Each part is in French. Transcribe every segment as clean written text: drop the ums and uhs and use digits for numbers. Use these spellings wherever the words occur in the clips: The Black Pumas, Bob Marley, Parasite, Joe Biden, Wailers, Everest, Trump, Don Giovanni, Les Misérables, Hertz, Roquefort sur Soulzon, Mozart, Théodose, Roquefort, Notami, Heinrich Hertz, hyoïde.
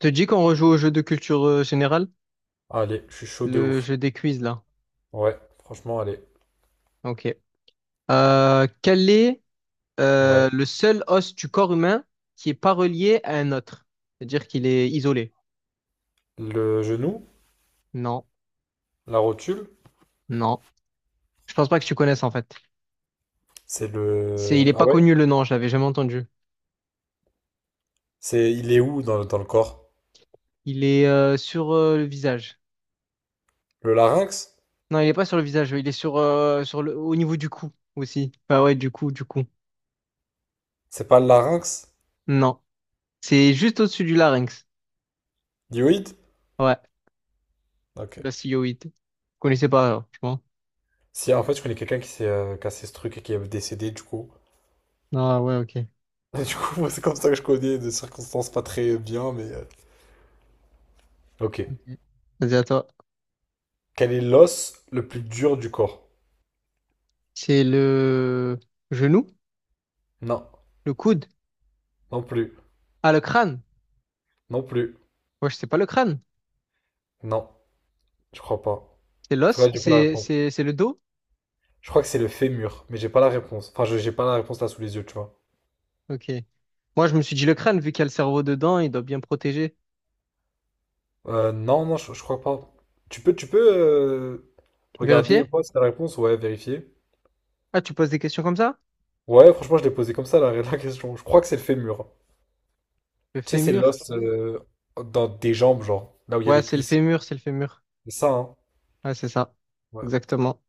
Te dis qu'on rejoue au jeu de culture générale, Allez, je suis chaud de le ouf. jeu des quiz là. Ouais, franchement, allez. Ok. Quel est Ouais. Le seul os du corps humain qui est pas relié à un autre? C'est-à-dire qu'il est isolé. Le genou, Non, la rotule, non. Je pense pas que tu connaisses en fait. c'est C'est, il le... est Ah pas ouais? connu le nom, je l'avais jamais entendu. C'est... Il est où dans le corps? Il est sur le visage. Le larynx? Non, il est pas sur le visage. Il est sur sur le au niveau du cou aussi. Bah ouais, du cou, du cou. C'est pas le larynx? Non, c'est juste au-dessus du larynx. Dioïde? Ouais, Ok. la hyoïde. Vous connaissez pas, alors, je pense. Si, en fait, je connais quelqu'un qui s'est cassé ce truc et qui est décédé, du coup. Ah ouais, ok. Du coup, moi, c'est comme ça que je connais, de circonstances pas très bien, mais... Ok. Vas-y, à toi. Quel est l'os le plus dur du corps? C'est le genou, Non. le coude. Non plus. Ah, le crâne. Non plus. Moi, je sais pas le crâne. Non. Je crois pas. C'est En tout l'os, cas, j'ai pas la c'est réponse. c'est c'est le dos. Je crois que c'est le fémur, mais j'ai pas la réponse. Enfin, j'ai pas la réponse là sous les yeux, tu vois. Ok. Moi, je me suis dit le crâne, vu qu'il y a le cerveau dedans, il doit bien protéger. Non, non, je crois pas. Tu peux regarder et Vérifier? voir si t'as la réponse, ouais, vérifier. Ah, tu poses des questions comme ça? Ouais, franchement, je l'ai posé comme ça la, la question. Je crois que c'est le fémur. Le Tu sais, c'est fémur. l'os dans des jambes, genre, là où il y a Ouais, les c'est le cuisses. fémur, c'est le fémur. C'est ça, hein. Ouais, c'est ça. Ouais. Exactement.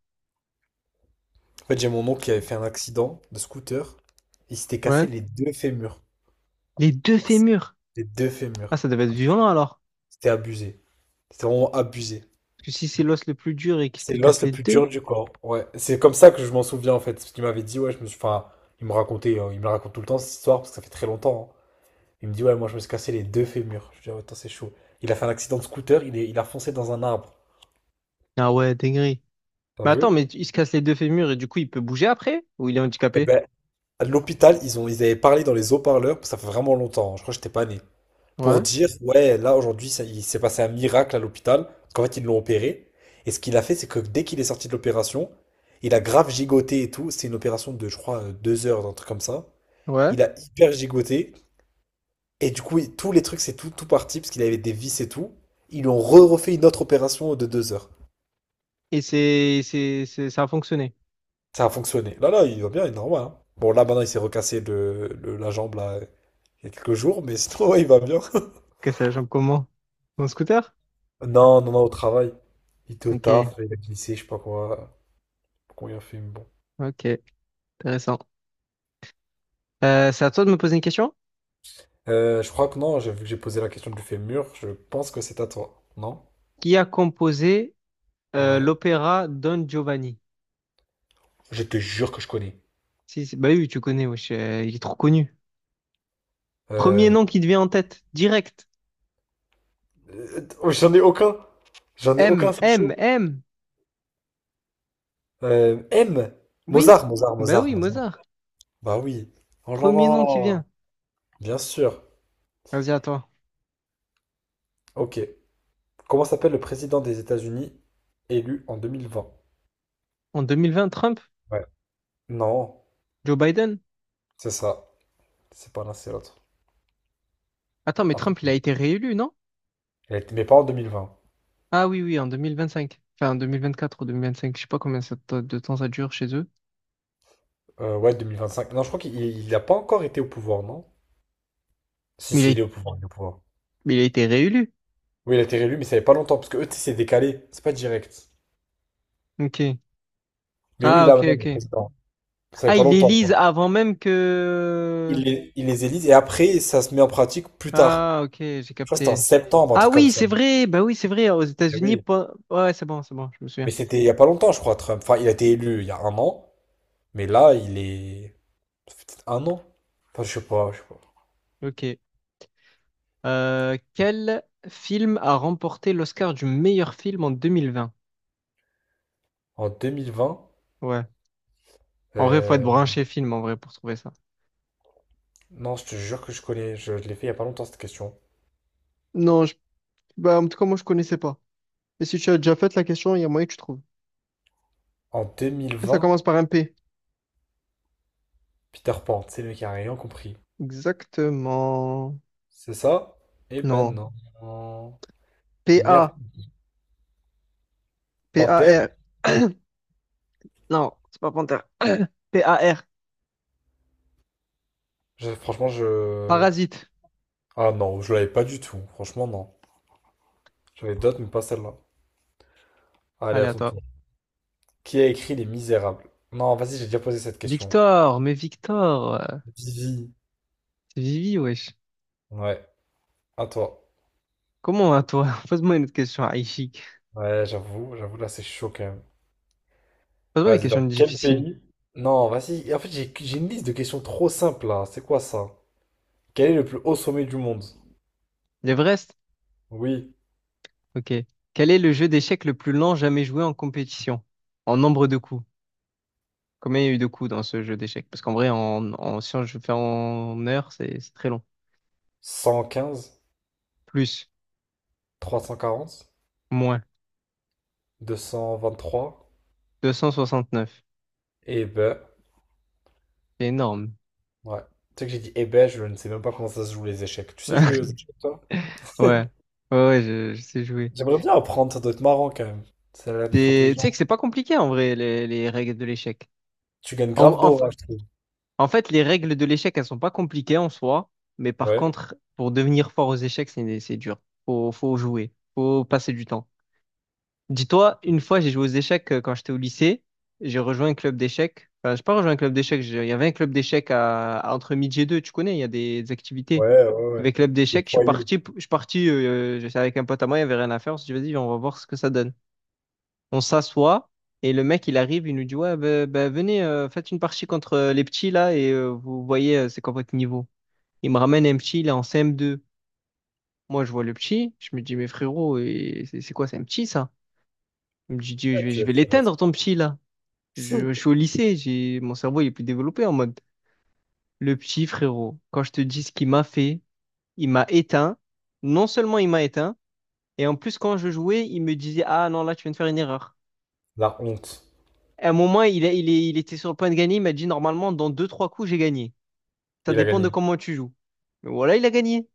En fait, j'ai mon oncle qui avait fait un accident de scooter. Il s'était Ouais. cassé les deux fémurs. Les deux fémurs. Les deux Ah, fémurs. ça devait être violent alors. C'était abusé. C'était vraiment abusé. Parce que si c'est l'os le plus dur et qu'il se C'est les l'os casse le les plus dur deux. du corps. Ouais, c'est comme ça que je m'en souviens en fait. Parce qu'il m'avait dit, ouais, je me suis. Enfin, il me racontait, il me la raconte tout le temps cette histoire parce que ça fait très longtemps, hein. Il me dit, ouais, moi je me suis cassé les deux fémurs. Je dis, ah, ouais, attends, c'est chaud. Il a fait un accident de scooter, il a foncé dans un arbre. Ah ouais, dinguerie. T'as Mais attends, vu? mais il se casse les deux fémurs et du coup, il peut bouger après? Ou il est Et handicapé? ben, à l'hôpital, ils avaient parlé dans les haut-parleurs, ça fait vraiment longtemps, hein, je crois que j'étais pas né. Pour Ouais. dire, ouais, là aujourd'hui, il s'est passé un miracle à l'hôpital. Parce qu'en fait, ils l'ont opéré. Et ce qu'il a fait, c'est que dès qu'il est sorti de l'opération, il a grave gigoté et tout. C'est une opération de, je crois, 2 heures, un truc comme ça. Ouais. Il a hyper gigoté. Et du coup, tous les trucs, c'est tout, tout parti, parce qu'il avait des vis et tout. Ils lui ont re-refait une autre opération de 2 heures. Et c'est ça a fonctionné. Ça a fonctionné. Là, là, il va bien, il est normal, hein. Bon, là, maintenant, il s'est recassé la jambe, là, il y a quelques jours, mais sinon, ouais, il va bien. Ok, c'est la jambe comment? Mon scooter? Non, non, non, au travail. Il était au Ok, taf, il a glissé, je sais pas quoi. Combien il a fait, mais bon. ok, intéressant. C'est à toi de me poser une question. Je crois que non, vu que j'ai posé la question du fémur, je pense que c'est à toi. Non? Qui a composé Ouais. l'opéra Don Giovanni? Je te jure que je connais. Si, si, bah oui, tu connais, wesh, il est trop connu. Premier Euh, nom qui te vient en tête, direct. oh, j'en ai aucun. J'en ai M, aucun, c'est M, chaud. M. M. Oui, Mozart, Mozart, bah Mozart, oui, Mozart. Mozart. Bah oui. Oh là Premier nom qui là. vient. Bien sûr. Vas-y, à toi. Ok. Comment s'appelle le président des États-Unis élu en 2020? En 2020, Trump, Ouais. Non, Joe Biden. c'est ça. C'est pas l'un, c'est l'autre. Attends, mais Trump, il a Attends. été réélu, non? Mais pas en 2020. Ah oui, oui, en 2025. Enfin, en 2024 ou 2025. Je sais pas combien ça t- de temps ça dure chez eux. Ouais, 2025. Non, je crois qu'il n'a pas encore été au pouvoir, non? Si, Mais il a, si, il est au pouvoir, il est au pouvoir. mais il a été réélu. Oui, il a été réélu, mais ça fait pas longtemps, parce que eux, tu sais, c'est décalé. C'est pas direct. Ok. Mais oui, Ah, là, ok, maintenant, il est ok. président. Ça fait Ah, pas il longtemps, élise quoi. avant même que... Il les élise, et après, ça se met en pratique plus tard. Ah, ok, j'ai Je crois que c'était en capté. septembre, un Ah truc comme oui, ça. c'est vrai. Bah oui, c'est vrai. Aux Eh États-Unis, Oui. pas- ouais, c'est bon, je me Mais souviens. c'était il y a pas longtemps, je crois, Trump. Enfin, il a été élu il y a un an, mais là, il est. Ça fait peut-être un an. Enfin, je sais pas, je sais pas. Ok. Quel film a remporté l'Oscar du meilleur film en 2020? En 2020. Ouais. En vrai, faut être euh, branché film, en vrai, pour trouver ça. Non, je te jure que je connais. Je l'ai fait il y a pas longtemps, cette question. Non, je- bah, en tout cas, moi, je connaissais pas. Mais si tu as déjà fait la question, il y a moyen que tu trouves. En Ça 2020, commence par un P. Peter Pan, c'est le mec qui a rien compris. Exactement. C'est ça? Eh ben Non. non. Meilleur P-A. film de panthère? P-A-R. Non, c'est pas panthère. P-A-R. Franchement, je. Parasite. Ah non, je l'avais pas du tout. Franchement, non. J'avais d'autres, mais pas celle-là. Allez, Allez, à toi. attends. Qui a écrit Les Misérables? Non, vas-y, j'ai déjà posé cette question. Victor, mais Victor, euh, Vivi. c'est Vivi, wesh. Ouais, à toi. Comment à toi? Pose-moi une autre question, Aïchik. Ouais, j'avoue, j'avoue, là c'est chaud quand même. Pose-moi des Vas-y, dans questions quel difficiles. pays? Non, vas-y. Et en fait, j'ai une liste de questions trop simples là. C'est quoi ça? Quel est le plus haut sommet du monde? L'Everest? Oui, Ok. Quel est le jeu d'échecs le plus lent jamais joué en compétition? En nombre de coups. Combien il y a eu de coups dans ce jeu d'échecs? Parce qu'en vrai, si on- je fais en heure, c'est très long. 115, Plus, 340, moins. 223. 269. Eh ben, C'est énorme. ouais. Tu sais que j'ai dit eh ben, je ne sais même pas comment ça se joue les échecs. Tu sais jouer aux Ouais, échecs, toi? ouais, ouais, je sais jouer. J'aimerais bien apprendre, ça doit être marrant quand même. Ça a l'air d'être Et tu sais que intelligent. c'est pas compliqué en vrai, les règles de l'échec. Tu gagnes En, grave en, f- d'orage. en fait, les règles de l'échec, elles sont pas compliquées en soi, mais par Ouais. contre, pour devenir fort aux échecs, c'est dur. Faut jouer, faut passer du temps. Dis-toi, une fois, j'ai joué aux échecs quand j'étais au lycée, j'ai rejoint un club d'échecs. Enfin, j'ai pas rejoint un club d'échecs, j'ai- il y avait un club d'échecs à entre midi et deux, tu connais, il y a des activités. Ouais, ouais, ouais. Avec club Des d'échecs, je suis foyers, ouais, parti, je suis parti, j'étais avec un pote à moi, il y avait rien à faire, on s'est dit, vas-y, on va voir ce que ça donne. On s'assoit et le mec, il arrive, il nous dit, ouais, venez, faites une partie contre les petits là et vous voyez, c'est quoi votre niveau. Il me ramène un petit, il est en CM2. Moi, je vois le petit, je me dis, mais frérot, et c'est quoi, c'est un petit ça? Il me dit, Dieu, tu je vais vas faire ça. l'éteindre ton petit là. Je suis au lycée, j'ai, mon cerveau, il est plus développé en mode, le petit frérot, quand je te dis ce qu'il m'a fait, il m'a éteint. Non seulement il m'a éteint, et en plus, quand je jouais, il me disait, ah non, là, tu viens de faire une erreur. La honte. À un moment, il, a- il, est- il était sur le point de gagner. Il m'a dit, normalement, dans deux, trois coups, j'ai gagné. Ça Il a dépend de gagné. comment tu joues. Mais voilà, il a gagné.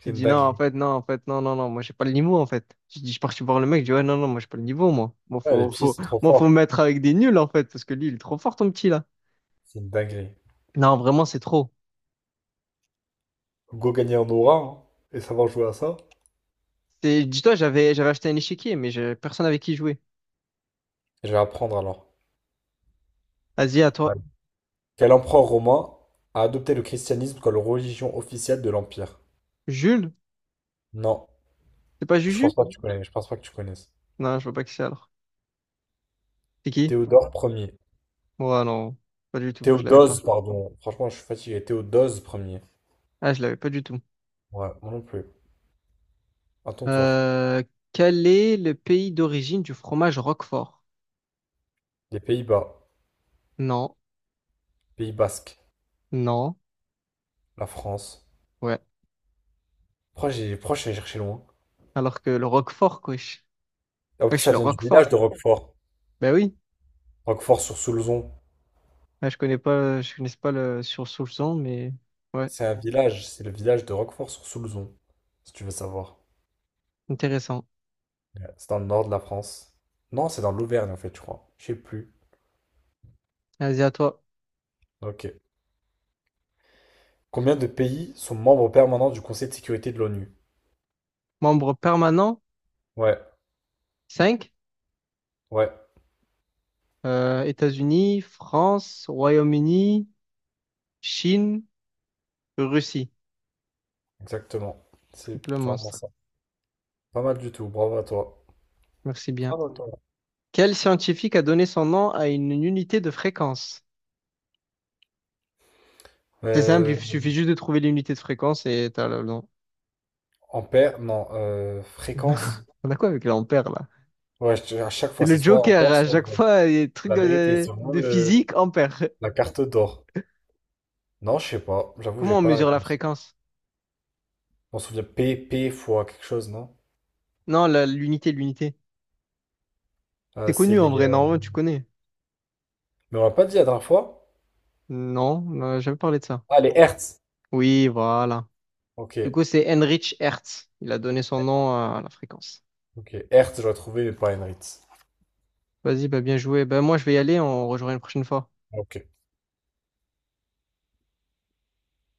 C'est Il une dit, non, en dinguerie. fait, non, en fait, non, non, non, moi, j'ai pas le niveau, en fait. Je dis, je suis parti voir le mec. Je dis, ouais, non, non, moi, j'ai pas le niveau, moi. Moi, Ouais, les petits, c'est trop moi, faut fort. me mettre avec des nuls, en fait, parce que lui, il est trop fort, ton petit, là. C'est une dinguerie. Non, vraiment, c'est trop. Go gagner en aura, hein, et savoir jouer à ça. C'est- dis-toi, j'avais acheté un échiquier, mais j'avais personne avec qui jouer. Je vais apprendre alors. Vas-y, à Ouais. toi. Quel empereur romain a adopté le christianisme comme religion officielle de l'Empire? Jules? Non, C'est pas je pense Juju? pas que tu connais. Je pense pas que tu connaisses. Non, je vois pas qui c'est, alors. C'est qui? Théodore premier. Ouais, non, pas du tout. Je l'avais pas. Théodose, pardon. Franchement, je suis fatigué. Théodose premier. Ah, je l'avais pas du tout. Ouais, moi non plus. À ton tour. Euh, quel est le pays d'origine du fromage Roquefort? Les Pays-Bas. Non, Pays Basque. non, La France. ouais. Pourquoi je suis allé chercher loin? Alors que le Roquefort, wesh. En plus, Wesh, ça le vient du village Roquefort. de Roquefort. Ben oui. Roquefort sur Soulzon. Ouais, je connais pas le sur sous le son, mais ouais, C'est un village, c'est le village de Roquefort sur Soulzon, si tu veux savoir. intéressant. Ouais. C'est dans le nord de la France. Non, c'est dans l'Auvergne en fait, je crois. Je sais plus. Vas-y, à toi. Ok. Combien de pays sont membres permanents du Conseil de sécurité de l'ONU? Membre permanent, Ouais, 5. ouais, États-Unis, France, Royaume-Uni, Chine, Russie. exactement. C'est Triple vraiment monstre. ça. Pas mal du tout, bravo à toi. Merci bien. Bravo à toi. Quel scientifique a donné son nom à une unité de fréquence? C'est simple, Euh, il suffit juste de trouver l'unité de fréquence et t'as le... non. ampère, non, fréquence. On a quoi avec l'ampère là? Ouais, à chaque C'est fois, c'est le soit joker, ampère, à soit chaque vol. fois, il y a des trucs La vérité, c'est vraiment de physique, ampère. la carte d'or. Non, je sais pas. J'avoue, j'ai Comment on pas la mesure la réponse. fréquence? On se souvient, P, P fois quelque chose, non? Non, la- l'unité, l'unité. C'est C'est connu en les. vrai, normalement tu connais. Mais on m'a pas dit la dernière fois. Non, on n'a jamais parlé de ça. Ah, les Hertz. Oui, voilà. Ok. Du coup, c'est Heinrich Hertz. Il a donné son nom à la fréquence. Ok. Hertz, j'aurais trouvé, mais pas Henritz. Vas-y, bah bien joué. Bah moi, je vais y aller, on rejoint une prochaine fois. Ok.